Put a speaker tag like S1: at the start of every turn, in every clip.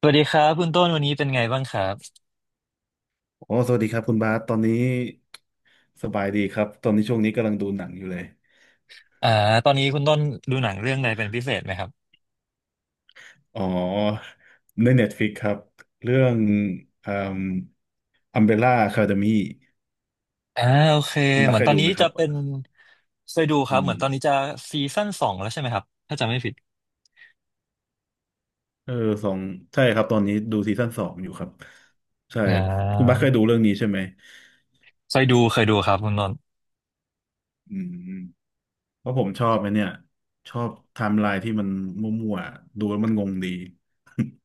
S1: สวัสดีครับคุณต้นวันนี้เป็นไงบ้างครับ
S2: อ๋อสวัสดีครับคุณบาสตอนนี้สบายดีครับ ตอนนี้ช่วงนี้กำลังดูหนังอยู่เลย
S1: อ่าตอนนี้คุณต้นดูหนังเรื่องอะไรเป็นพิเศษไหมครับ
S2: อ๋อ ใน Netflix ครับ เรื่องอืมอัมเบร่าคาเดมี่
S1: อ่าโอเค
S2: คุณ
S1: เห
S2: บาส
S1: มือ
S2: เค
S1: นต
S2: ย
S1: อน
S2: ดู
S1: นี้
S2: ไหมค
S1: จะ
S2: รับ
S1: เป็นเคยดูค
S2: อื
S1: รับเห
S2: ม
S1: มือนตอนนี้จะซีซั่นสองแล้วใช่ไหมครับถ้าจำไม่ผิด
S2: เออสองใช่ครับ ตอนนี้ดูซีซั่นสองอยู่ครับใช่
S1: อ่
S2: คุณบา
S1: า
S2: สเคยดูเรื่องนี้ใช่ไหม
S1: เคยดูเคยดูครับคุณต้น
S2: อืมเพราะผมชอบไอ้เนี่ย ชอบไทม์ไลน์ที่มันมั่วๆ ดูแล้วมันงงดี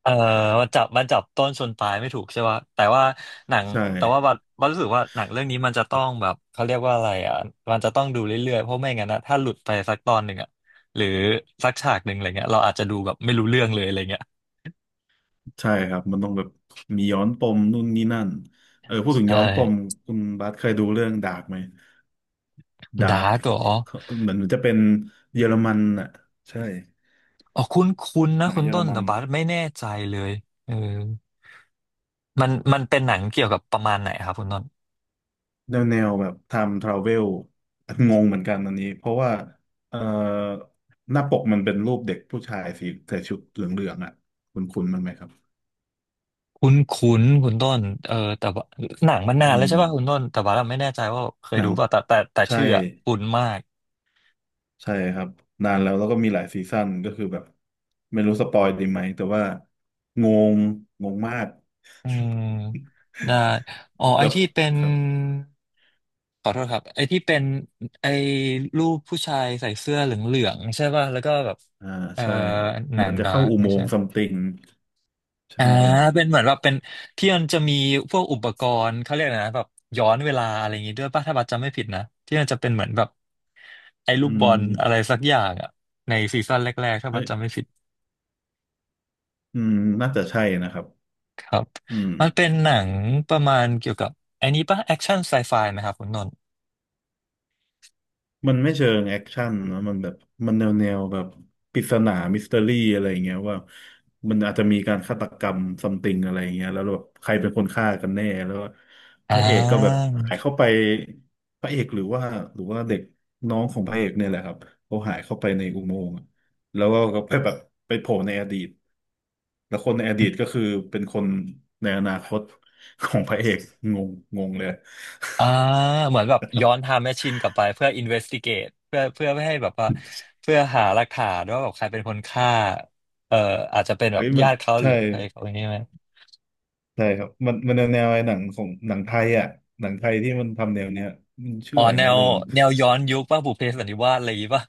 S1: เอ่อมาจับต้นชนปลายไม่ถูกใช่ป่ะแต่ว่าหนัง
S2: ใช่
S1: แต่ว่าบัดบัดรู้สึกว่าหนังเรื่องนี้มันจะต้องแบบเขาเรียกว่าอะไรอ่ะมันจะต้องดูเรื่อยๆเพราะไม่งั้นนะถ้าหลุดไปสักตอนหนึ่งอ่ะหรือสักฉากหนึ่งอะไรเงี้ยเราอาจจะดูแบบไม่รู้เรื่องเลยอะไรเงี้ย
S2: ใช่ครับมันต้องแบบมีย้อนปมนู่นนี่นั่นเออพูดถึ
S1: ใช
S2: งย้อนปม
S1: ่
S2: คุณบาสเคยดูเรื่องดาร์กไหมดา
S1: ดา
S2: ร์ก
S1: ร์กเหรอ
S2: เหมือนจะเป็นเยอรมันอ่ะใช่
S1: อ๋อคุ้นคุ้นนะ
S2: หนัง
S1: คุณ
S2: เยอ
S1: ต้
S2: ร
S1: น
S2: มั
S1: แต่
S2: น
S1: บัสไม่แน่ใจเลยเออมันเป็นหนังเกี่ยวกับประมาณไหนครับคุณต้น
S2: แนวแนวแบบไทม์ทราเวลงงเหมือนกันอันนี้เพราะว่าเอ่อหน้าปกมันเป็นรูปเด็กผู้ชายสีใส่ชุดเหลืองๆอ่ะคุ้นๆมันไหมครับ
S1: คุ้นคุ้นคุณต้นเออแต่ว่าหนังมันนา
S2: อื
S1: นแล้ว
S2: ม
S1: ใช่ป่ะคุณต้นแต่บาเราไม่แน่ใจว่าเคย
S2: หนั
S1: ดู
S2: ง
S1: ป่ะแต่
S2: ใช่
S1: ชื่ออะคุ้นมาก
S2: ใช่ครับนานแล้วแล้วก็มีหลายซีซั่นก็คือแบบไม่รู้สปอยดีไหมแต่ว่างงงงมาก
S1: อืมได้ อ๋อไอ
S2: แบบ
S1: ที่เป็น
S2: ครับ
S1: ขอโทษครับไอที่เป็นไอรูปผู้ชายใส่เสื้อเหลืองๆใช่ป่ะแล้วก็แบบ
S2: อ่า
S1: เอ่อ
S2: ใช่
S1: ห
S2: เห
S1: นั
S2: มือ
S1: ง
S2: นจะ
S1: ดา
S2: เข้า
S1: ร์ก
S2: อุโม
S1: ใช่
S2: งค์ซัมติงใช
S1: อ่าเป็น
S2: ่
S1: เหมือนแบบเป็นที่มันจะมีพวกอุปกรณ์เขาเรียกอะไรนะแบบย้อนเวลาอะไรอย่างงี้ด้วยป่ะถ้าบัตจำไม่ผิดนะที่มันจะเป็นเหมือนแบบไอ้ลู
S2: อื
S1: กบอ
S2: ม
S1: ลอะไรสักอย่างอ่ะในซีซั่นแรกๆถ้าบั
S2: เอ้
S1: ต
S2: ย
S1: จำไม่ผิด
S2: อืมน่าจะใช่นะครับ
S1: ครับ
S2: อืม
S1: มันเป็นหนังประมาณเกี่ยวกับไอ้นี้ป่ะแอคชั่นไซไฟไหมครับคุณนนท์
S2: มันไม่เชิงแอคชั่นนะมันแบบมันแนวแนวแบบปริศนามิสเตอรี่อะไรอย่างเงี้ยว่ามันอาจจะมีการฆาตกรรมซัมติงอะไรอย่างเงี้ยแล้วแบบใครเป็นคนฆ่ากันแน่แล้วพ
S1: อ่
S2: ระเอกก็แบบ
S1: า
S2: หายเข้าไปพระเอกหรือว่าหรือว่าเด็กน้องของพระเอกเนี่ยแหละครับเขาหายเข้าไปในอุโมงค์อะแล้วก็ไปแบบไปโผล่ในอดีตแล้วคนในอดีตก็คือเป็นคนในอนาคตของพระเอกงงงงเลย
S1: อ่าเหมือนแบบย้อนไทม์แมชชีนกลับไปเพื่ออินเวสติเกตเพื่อไม่ให้แบบว่าเพื่อหาหลักฐานว่าแบบใครเป็นคนฆ่าเอ่ออาจจะเป็นแบ
S2: เฮ้
S1: บ
S2: ยมัน
S1: ญาติเขาห
S2: ใช่
S1: รือใครเขาอย่างนี้ไหม
S2: ใช่ครับมันแนวไอ้หนังของหนังไทยอ่ะหนังไทยที่มันทำแนวเนี้ยมันชื่
S1: อ๋
S2: อ
S1: อ
S2: อะไร
S1: แน
S2: นะ
S1: ว
S2: ลืม
S1: แนวย้อนยุคป่ะบุพเพสันนิวาสอะไรอย่างงี้ป่ะ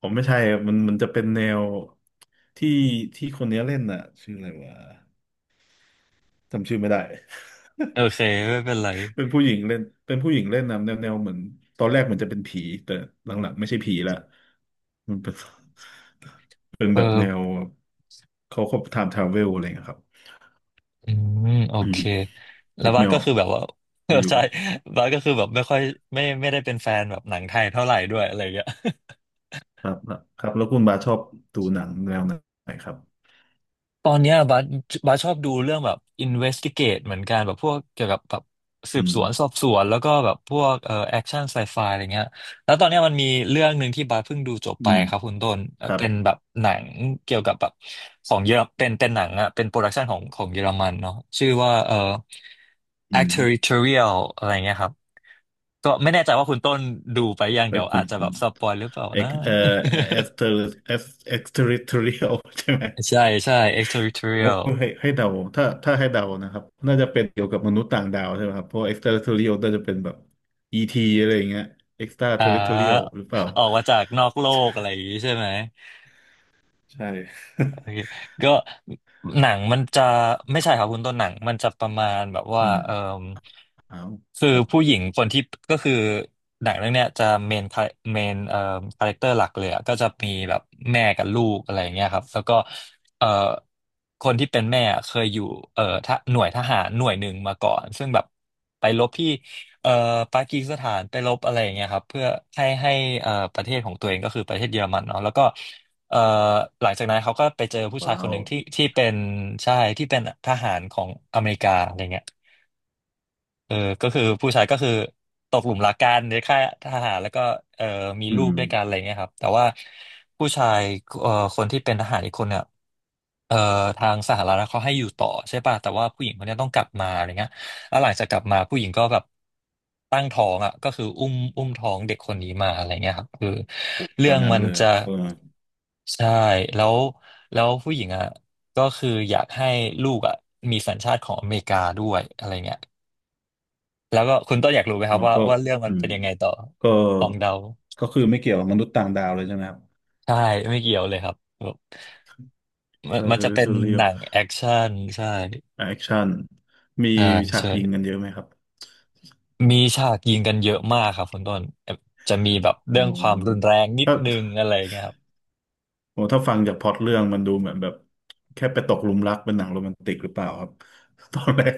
S2: ผมไม่ใช่อะมันจะเป็นแนวที่ที่คนเนี้ยเล่นอ่ะชื่ออะไรวะจำชื่อไม่ได้
S1: โอเคไม่เป็นไร
S2: เป็นผู้หญิงเล่นเป็นผู้หญิงเล่นนะแนวแนวเหมือนตอนแรกมันจะเป็นผีแต่หลังๆไม่ใช่ผีละมันเป็น เป็น
S1: เอ
S2: แบบแนว
S1: อ
S2: เขาไทำทราเวลอะไรเงี้ยครับ
S1: อืโอ
S2: อื
S1: เค
S2: ม
S1: แล้
S2: นึ
S1: ว
S2: ก
S1: บา
S2: ไม่
S1: ส
S2: อ
S1: ก็
S2: อก
S1: คือแบบว่า เออ
S2: อยู่ๆ
S1: ใช่
S2: ก็
S1: บาสก็คือแบบไม่ค่อยไม่ได้เป็นแฟนแบบหนังไทยเท่าไหร่ด้วยอะไรอย่างเงี้ย
S2: ครับครับแล้วคุณบาสชอบดูหนังแนวไหนครับ
S1: ตอนเนี้ยบาสบัสชอบดูเรื่องแบบ investigate เหมือนกันแบบพวกเกี่ยวกับแบบสื
S2: อื
S1: บส
S2: ม
S1: วนสอบสวนแล้วก็แบบพวกแอคชั่นไซไฟอะไรเงี้ยแล้วตอนเนี้ยมันมีเรื่องหนึ่งที่บาสเพิ่งดูจบไป
S2: อืม
S1: ครับคุณต้น
S2: ครับ
S1: เป็นแบบหนังเกี่ยวกับแบบของเยอรเป็นเป็นหนังอะเป็นโปรดักชันของเยอรมันเนาะชื่อว่า
S2: อื
S1: Act
S2: ม
S1: Territorial อะไรเงี้ยครับก็ไม่แน่ใจว่าคุณต้นดูไปยัง
S2: เฮ้
S1: เดี๋
S2: ย
S1: ยว
S2: คุ
S1: อา
S2: ณ
S1: จจะ
S2: คุ
S1: แบ
S2: ณ
S1: บสปอยหรือเปล่า
S2: เอ็ก
S1: นะ
S2: เอ่อเอ็กซ์เตอร์เอ็กเอ็กซ์เทอริทเรียล ใช่ไหม
S1: ใช่ใช่ Act
S2: โอ้
S1: Territorial
S2: ให้เดาถ้าให้เดานะครับน่าจะเป็นเกี่ยวกับมนุษย์ต่างดาวใช่ไหมครับเพราะเอ็กซ์เทอร์เทอรียลน่าจะเป็นแบบ e ีทีอะไรอย่างเงี้ยเอ็กซ์ตราเท
S1: อ่
S2: อริทเรียล
S1: า
S2: หรือเปล่า
S1: ออกมาจากนอกโลกอะไรอย่างนี้ใช่ไหม
S2: ใช่
S1: โอ เคก็หนังมันจะไม่ใช่ครับคุณต้นหนังมันจะประมาณแบบว่า
S2: อืม
S1: เออ
S2: เอา
S1: คือ
S2: ครับ
S1: ผู้หญิงคนที่ก็คือหนังเรื่องเนี้ยจะเมนเมนคาแรคเตอร์หลักเลยอะก็จะมีแบบแม่กับลูกอะไรอย่างเงี้ยครับแล้วก็เอ่อคนที่เป็นแม่อะเคยอยู่ทหหน่วยทหารหน่วยหนึ่งมาก่อนซึ่งแบบไปรบที่เอ่อปากีสถานไปรบอะไรอย่างเงี้ยครับเพื่อให้ให้ประเทศของตัวเองก็คือประเทศเยอรมันเนาะแล้วก็ เอ่อหลังจากนั้นเขาก็ไปเจอผู้ชาย
S2: ว้า
S1: คน
S2: ว
S1: หนึ่งที่เป็นใช่ที่เป็นทหารของอเมริกาอะไรเงี้ย เออก็คือผู้ชายก็คือตกหลุมรักกันในค่ายทหารแล้วก็เออมี
S2: อื
S1: ลูก
S2: ม
S1: ด้วยกันอะไรเงี้ยครับแต่ว่าผู้ชายเอ่อคนที่เป็นทหารอีกคนเนี่ยเอ่อทางสหรัฐเขาให้อยู่ต่อใช่ป่ะแต่ว่าผู้หญิงคนเนี้ยต้องกลับมาอะไรเงี้ยแล้วหลังจากกลับมาผู้หญิงก็แบบตั้งท้องอ่ะก็คืออุ้มท้องเด็กคนนี้มาอะไรเงี้ยครับคือ
S2: โอ้ต
S1: เรื่
S2: อ
S1: อ
S2: น
S1: ง
S2: นั้น
S1: มัน
S2: เลย
S1: จะ
S2: เออ
S1: ใช่แล้วแล้วผู้หญิงอ่ะก็คืออยากให้ลูกอ่ะมีสัญชาติของอเมริกาด้วยอะไรเงี้ย แล้วก็คุณต้นอยากรู้ไหมค
S2: อ๋
S1: รั
S2: อ
S1: บว่า
S2: ก็
S1: ว่าเรื่องมั
S2: อื
S1: นเป็
S2: ม
S1: นยังไงต่อ
S2: ก็
S1: ลองเดา
S2: ก็คือไม่เกี่ยวกับมนุษย์ต่างดาวเลยใช่ไหมครับ
S1: ใช่ไม่เกี่ยวเลยครับแบบมั
S2: เซ
S1: น
S2: อร์
S1: มัน
S2: เทอร
S1: จะเป็น
S2: ิเรีย
S1: หนังแอคชั่นใช่
S2: แอคชั่นมี
S1: ใช่
S2: ฉาก
S1: ใช่
S2: ยิงกันเยอะไหมครับ
S1: มีฉากยิงกันเยอะมากครับคุณต้นจะมีแบบ
S2: อ๋
S1: เรื่
S2: อ
S1: องความรุนแรงนิด
S2: ถ้า
S1: นึงอะไรอย่างเงี้ยครับ
S2: โอ้ถ้าฟังจากพล็อตเรื่องมันดูเหมือนแบบแค่ไปตกหลุมรักเป็นหนังโรแมนติกหรือเปล่าครับ ตอนแรก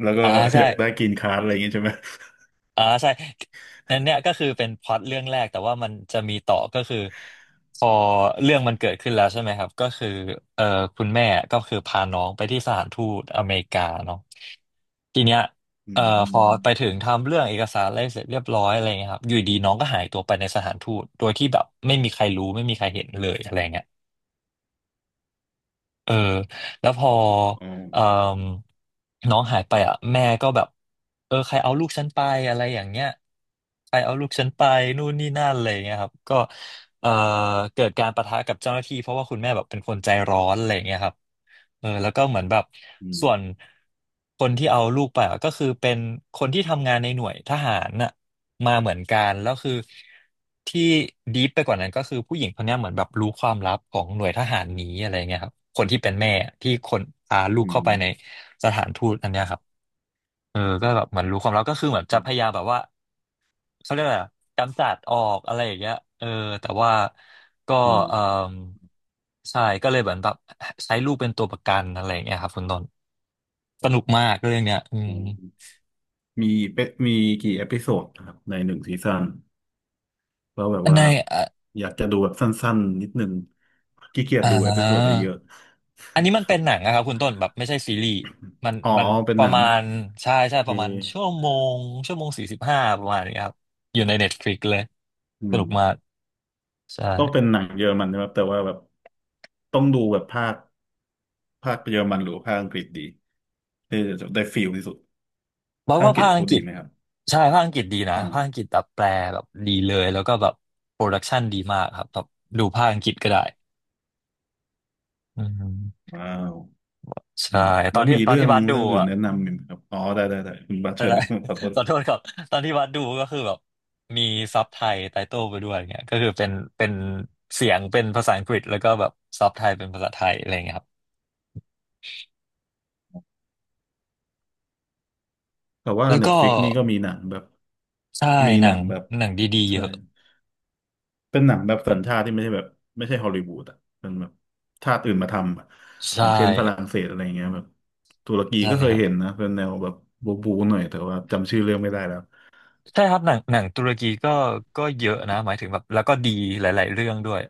S2: แล้วก็
S1: อ่า
S2: อ
S1: ใช่
S2: ยากได้กรีนการ์ดอะไรอย่างงี้ใช่ไหม
S1: อ่าใช่นั่นเนี่ยก็คือเป็นพล็อตเรื่องแรกแต่ว่ามันจะมีต่อก็คือพอเรื่องมันเกิดขึ้นแล้วใช่ไหมครับก็คือเอ่อคุณแม่ก็คือพาน้องไปที่สถานทูตอเมริกาเนาะทีเนี้ย
S2: อื
S1: เอ่อพอไป
S2: ม
S1: ถึงทำเรื่องเอกสารอะไรเสร็จเรียบร้อยอะไรเงี้ยครับอยู่ดีน้องก็หายตัวไปในสถานทูตโดยที่แบบไม่มีใครรู้ไม่มีใครเห็นเลยอะไรเงี้ย เออแล้วพอ
S2: อ๋อ
S1: เอ่มน้องหายไปอ่ะแม่ก็แบบเออใครเอาลูกฉันไปอะไรอย่างเงี้ยใครเอาลูกฉันไปนู่นนี่นั่นอะไรอย่างเงี้ยครับก็ เอ่อเกิดการปะทะกับเจ้าหน้าที่เพราะว่าคุณแม่แบบเป็นคนใจร้อนอะไรอย่างเงี้ยครับเออแล้วก็เหมือนแบบ
S2: อื
S1: ส่วน
S2: ม
S1: คนที่เอาลูกไปอะก็คือเป็นคนที่ทำงานในหน่วยทหารน่ะมาเหมือนกันแล้วคือที่ดีฟไปกว่านั้นก็คือผู้หญิงคนเนี้ยเหมือนแบบรู้ความลับของหน่วยทหารนี้อะไรเงี้ยครับคนที่เป็นแม่ที่คนพาลูก
S2: อื
S1: เข้าไปใน
S2: ม
S1: สถานทูตอันเนี้ยครับเออก็แบบเหมือนรู้ความลับก็คือเหมือน
S2: ค
S1: จะ
S2: รั
S1: พยา
S2: บ
S1: ยามแบบว่า เขาเรียกอะไรอะกำจัดออกอะไรอย่างเงี้ยเออแต่ว่าก็
S2: อ๋อ
S1: เออใช่ก็เลยเหมือนแบบใช้ลูกเป็นตัวประกันอะไรอย่างเงี้ยครับคุณต้นส
S2: ครั
S1: นุก
S2: บ
S1: มากเรื่องเนี้ยอื
S2: อ๋
S1: ม
S2: อมีเปมีกี่เอพิโซดนะครับในหนึ่งซีซั่นแล้วแบบ
S1: ใน
S2: ว่า
S1: อ่า
S2: อยากจะดูแบบสั้นๆนิดนึงขี้เกียจ
S1: อ่
S2: ดูเอพิโซด
S1: า
S2: เยอะ
S1: อันนี้
S2: ๆ
S1: มั น
S2: ค
S1: เป็
S2: รั
S1: น
S2: บ
S1: หนังนะครับคุณต้นแบบไม่ใช่ซีรีส์มัน
S2: อ๋อ
S1: มัน
S2: เป็น
S1: ป
S2: ห
S1: ระ
S2: นัง
S1: มาณใช่ใช่
S2: โอเค
S1: ประมาณงชั่วโมง45ประมาณนี้ครับอยู่ในเน็ตฟลิกเลย
S2: อื
S1: ส
S2: ม
S1: นุกมาก
S2: ก็เป็
S1: ใช่
S2: นหนังเยอรมันนะครับแต่ว่าแบบต้องดูแบบภาคเยอรมันหรือภาคอังกฤษดีได้ได้ฟีลที่สุด
S1: บอก
S2: ภาค
S1: ว่า
S2: อังกฤษ
S1: ภาคอั
S2: เขา
S1: งกฤ
S2: ดี
S1: ษ
S2: ไหมครับ
S1: ใช่ภาคอังกฤษดีนะ
S2: อ่าว
S1: ภาคอังกฤษแบบแปลแบบดีเลยแล้วก็แบบโปรดักชันดีมากครับแบบดูภาคอังกฤษก็ได้อืม
S2: ว้าวอื
S1: ใช่
S2: ม
S1: ต
S2: แล้
S1: อ
S2: ว
S1: นที่
S2: มี
S1: ตอน
S2: เรื่อ
S1: ที่
S2: ง
S1: บัสดู
S2: เรื่องอื่น
S1: อ่ะ
S2: แนะ นำอีกไหมครับอ๋อได้ได้ได้คุณบาส
S1: อะ
S2: เชิญ
S1: ไร
S2: ครับ ขอโท ษ
S1: ขอโทษครับตอนที่บัสดูก็คือแบบมีซับไทยไตเติลไปด้วยเงี้ยก็คือเป็นเสียงเป็นภาษาอังกฤษแล้วก็แบบซับไทยเป็นภาษาไทยอะไรเงี้ยครับ
S2: แต่ว่า
S1: แล้ว
S2: เน็
S1: ก็
S2: ตฟลิกนี่ก็มีหนังแบบ
S1: ใช่
S2: มี
S1: หนั
S2: หนั
S1: ง
S2: งแบบ
S1: หนังดีๆเย
S2: ใช่
S1: อะ
S2: เป็นหนังแบบสัญชาติที่ไม่ใช่แบบไม่ใช่ฮอลลีวูดอ่ะเป็นแบบชาติอื่นมาทำอะอ
S1: ใช่
S2: ย่างเช่นฝรั่งเศสอะไรอย่างเงี้ยแบบตุรกี
S1: ใช่
S2: ก็เค
S1: ค
S2: ย
S1: รับ
S2: เห็นนะเป็นแนวแบบบูบูหน่อยแต่ว่าจำชื่อเรื่องไม่ได้แล้ว
S1: ใช่ครับหนังตุรกีก็เยอะนะหมายถึงแบบแล้วก็ดีหลายๆเรื่องด้วย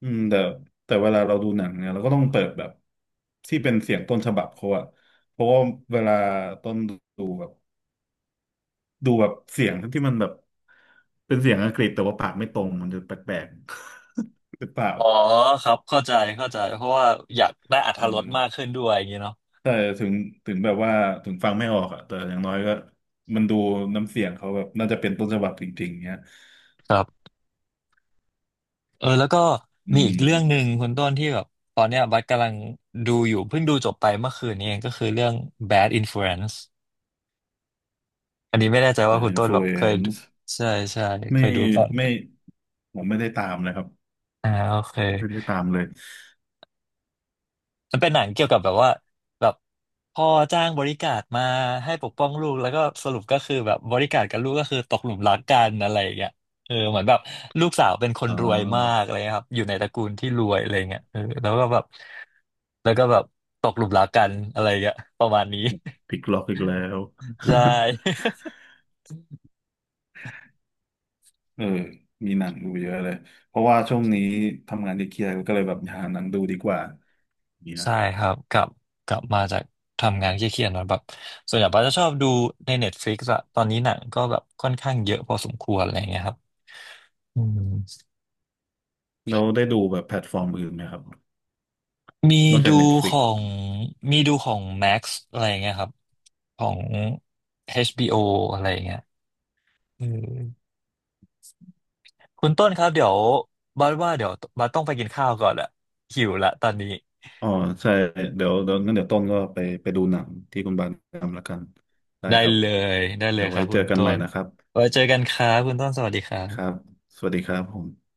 S2: อืมแต่แต่เวลาเราดูหนังเนี่ยเราก็ต้องเปิดแบบที่เป็นเสียงต้นฉบับเขาอะเพราะว่าเวลาต้นดูแบบดูแบบเสียงที่มันแบบเป็นเสียงอังกฤษแต่ว่าปากไม่ตรงมันจะแปลกๆ หรือเปล่า
S1: อ๋อครับเข้าใจเพราะว่าอยากได้อรรถ
S2: เอ
S1: รสมาก
S2: อ
S1: ขึ้นด้วยอย่างเงี้ยเนาะ
S2: แต่ถึงถึงแบบว่าถึงฟังไม่ออกอะแต่อย่างน้อยก็มันดูน้ำเสียงเขาแบบน่าจะเป็นต้นฉบับจริงๆเนี้ย
S1: ครับเออแล้วก็
S2: อื
S1: มีอีกเรื่องหนึ่ง
S2: ม
S1: คุณต้นที่แบบตอนเนี้ยบัสกำลังดูอยู่เพิ่งดูจบไปเมื่อคืนนี้เองก็คือเรื่อง Bad Influence อันนี้ไม่แน่ใจ
S2: เด
S1: ว่า
S2: อะ
S1: คุณ
S2: อิน
S1: ต้
S2: ฟ
S1: นแบ
S2: ลู
S1: บ
S2: เอ
S1: เคย
S2: น
S1: ดู
S2: ซ์
S1: ใช่ใช่เค
S2: ไม่
S1: ยดูก่อน
S2: ไม่ผมไม่ได้ตามนะครับ
S1: อ่าโอเค
S2: ไม่ได้ตามเลย
S1: มันเป็นหนังเกี่ยวกับแบบว่าแบบพ่อจ้างบริการมาให้ปกป้องลูกแล้วก็สรุปก็คือแบบบริการกับลูกก็คือตกหลุมรักกันอะไรอย่างเงี้ยเออเหมือนแบบลูกสาวเป็นคน
S2: อ่
S1: รวยมา
S2: า
S1: กอะไรเงี้ยครับอยู่ในตระกูลที่รวยอะไรเงี้ยเออแล้วก็แบบแล้วก็แบบตกหลุมรักกันอะไรเงี้ยประมาณนี้
S2: พลิกล็อกอีกแล้ว
S1: ใช ่
S2: เออมีหนังดูเยอะเลยเพราะว่าช่วงนี้ทำงานที่เครียดก็เลยแบบหาหนังดูดีกว่าอย่างเงี้ย
S1: ใช่ครับกลับมาจากทำงานเครียดๆนะแบบส่วนใหญ่ป้าจะชอบดูใน Netflix อะตอนนี้หนังก็แบบค่อนข้างเยอะพอสมควรอะไรอย่างเงี้ยครับอืม
S2: เราได้ดูแบบแพลตฟอร์มอื่นไหมครับ
S1: มี
S2: นอกจา
S1: ดู
S2: ก
S1: ข
S2: Netflix
S1: องมีดูของ Max อะไรอย่างเงี้ยครับของ HBO อชบีโออะไรอย่างเงี้ยเออคุณต้นครับเดี๋ยวบัสต้องไปกินข้าวก่อนอะหิวละตอนนี้
S2: อ๋อใช่เดี๋ยวงั้นเดี๋ยวต้นก็ไปดูหนังที่คุณบานแนะนำละกันได้
S1: ได้
S2: ครับ
S1: เลยได้เล
S2: เดี๋
S1: ย
S2: ยว
S1: ค
S2: ไว้
S1: รับ
S2: เจ
S1: คุ
S2: อ
S1: ณ
S2: กัน
S1: ต้
S2: ใหม่
S1: น
S2: นะครับ
S1: ไว้เจอกันครับคุณต้นสวัสดีครั
S2: ครับ
S1: บ
S2: สวัสดีครับผม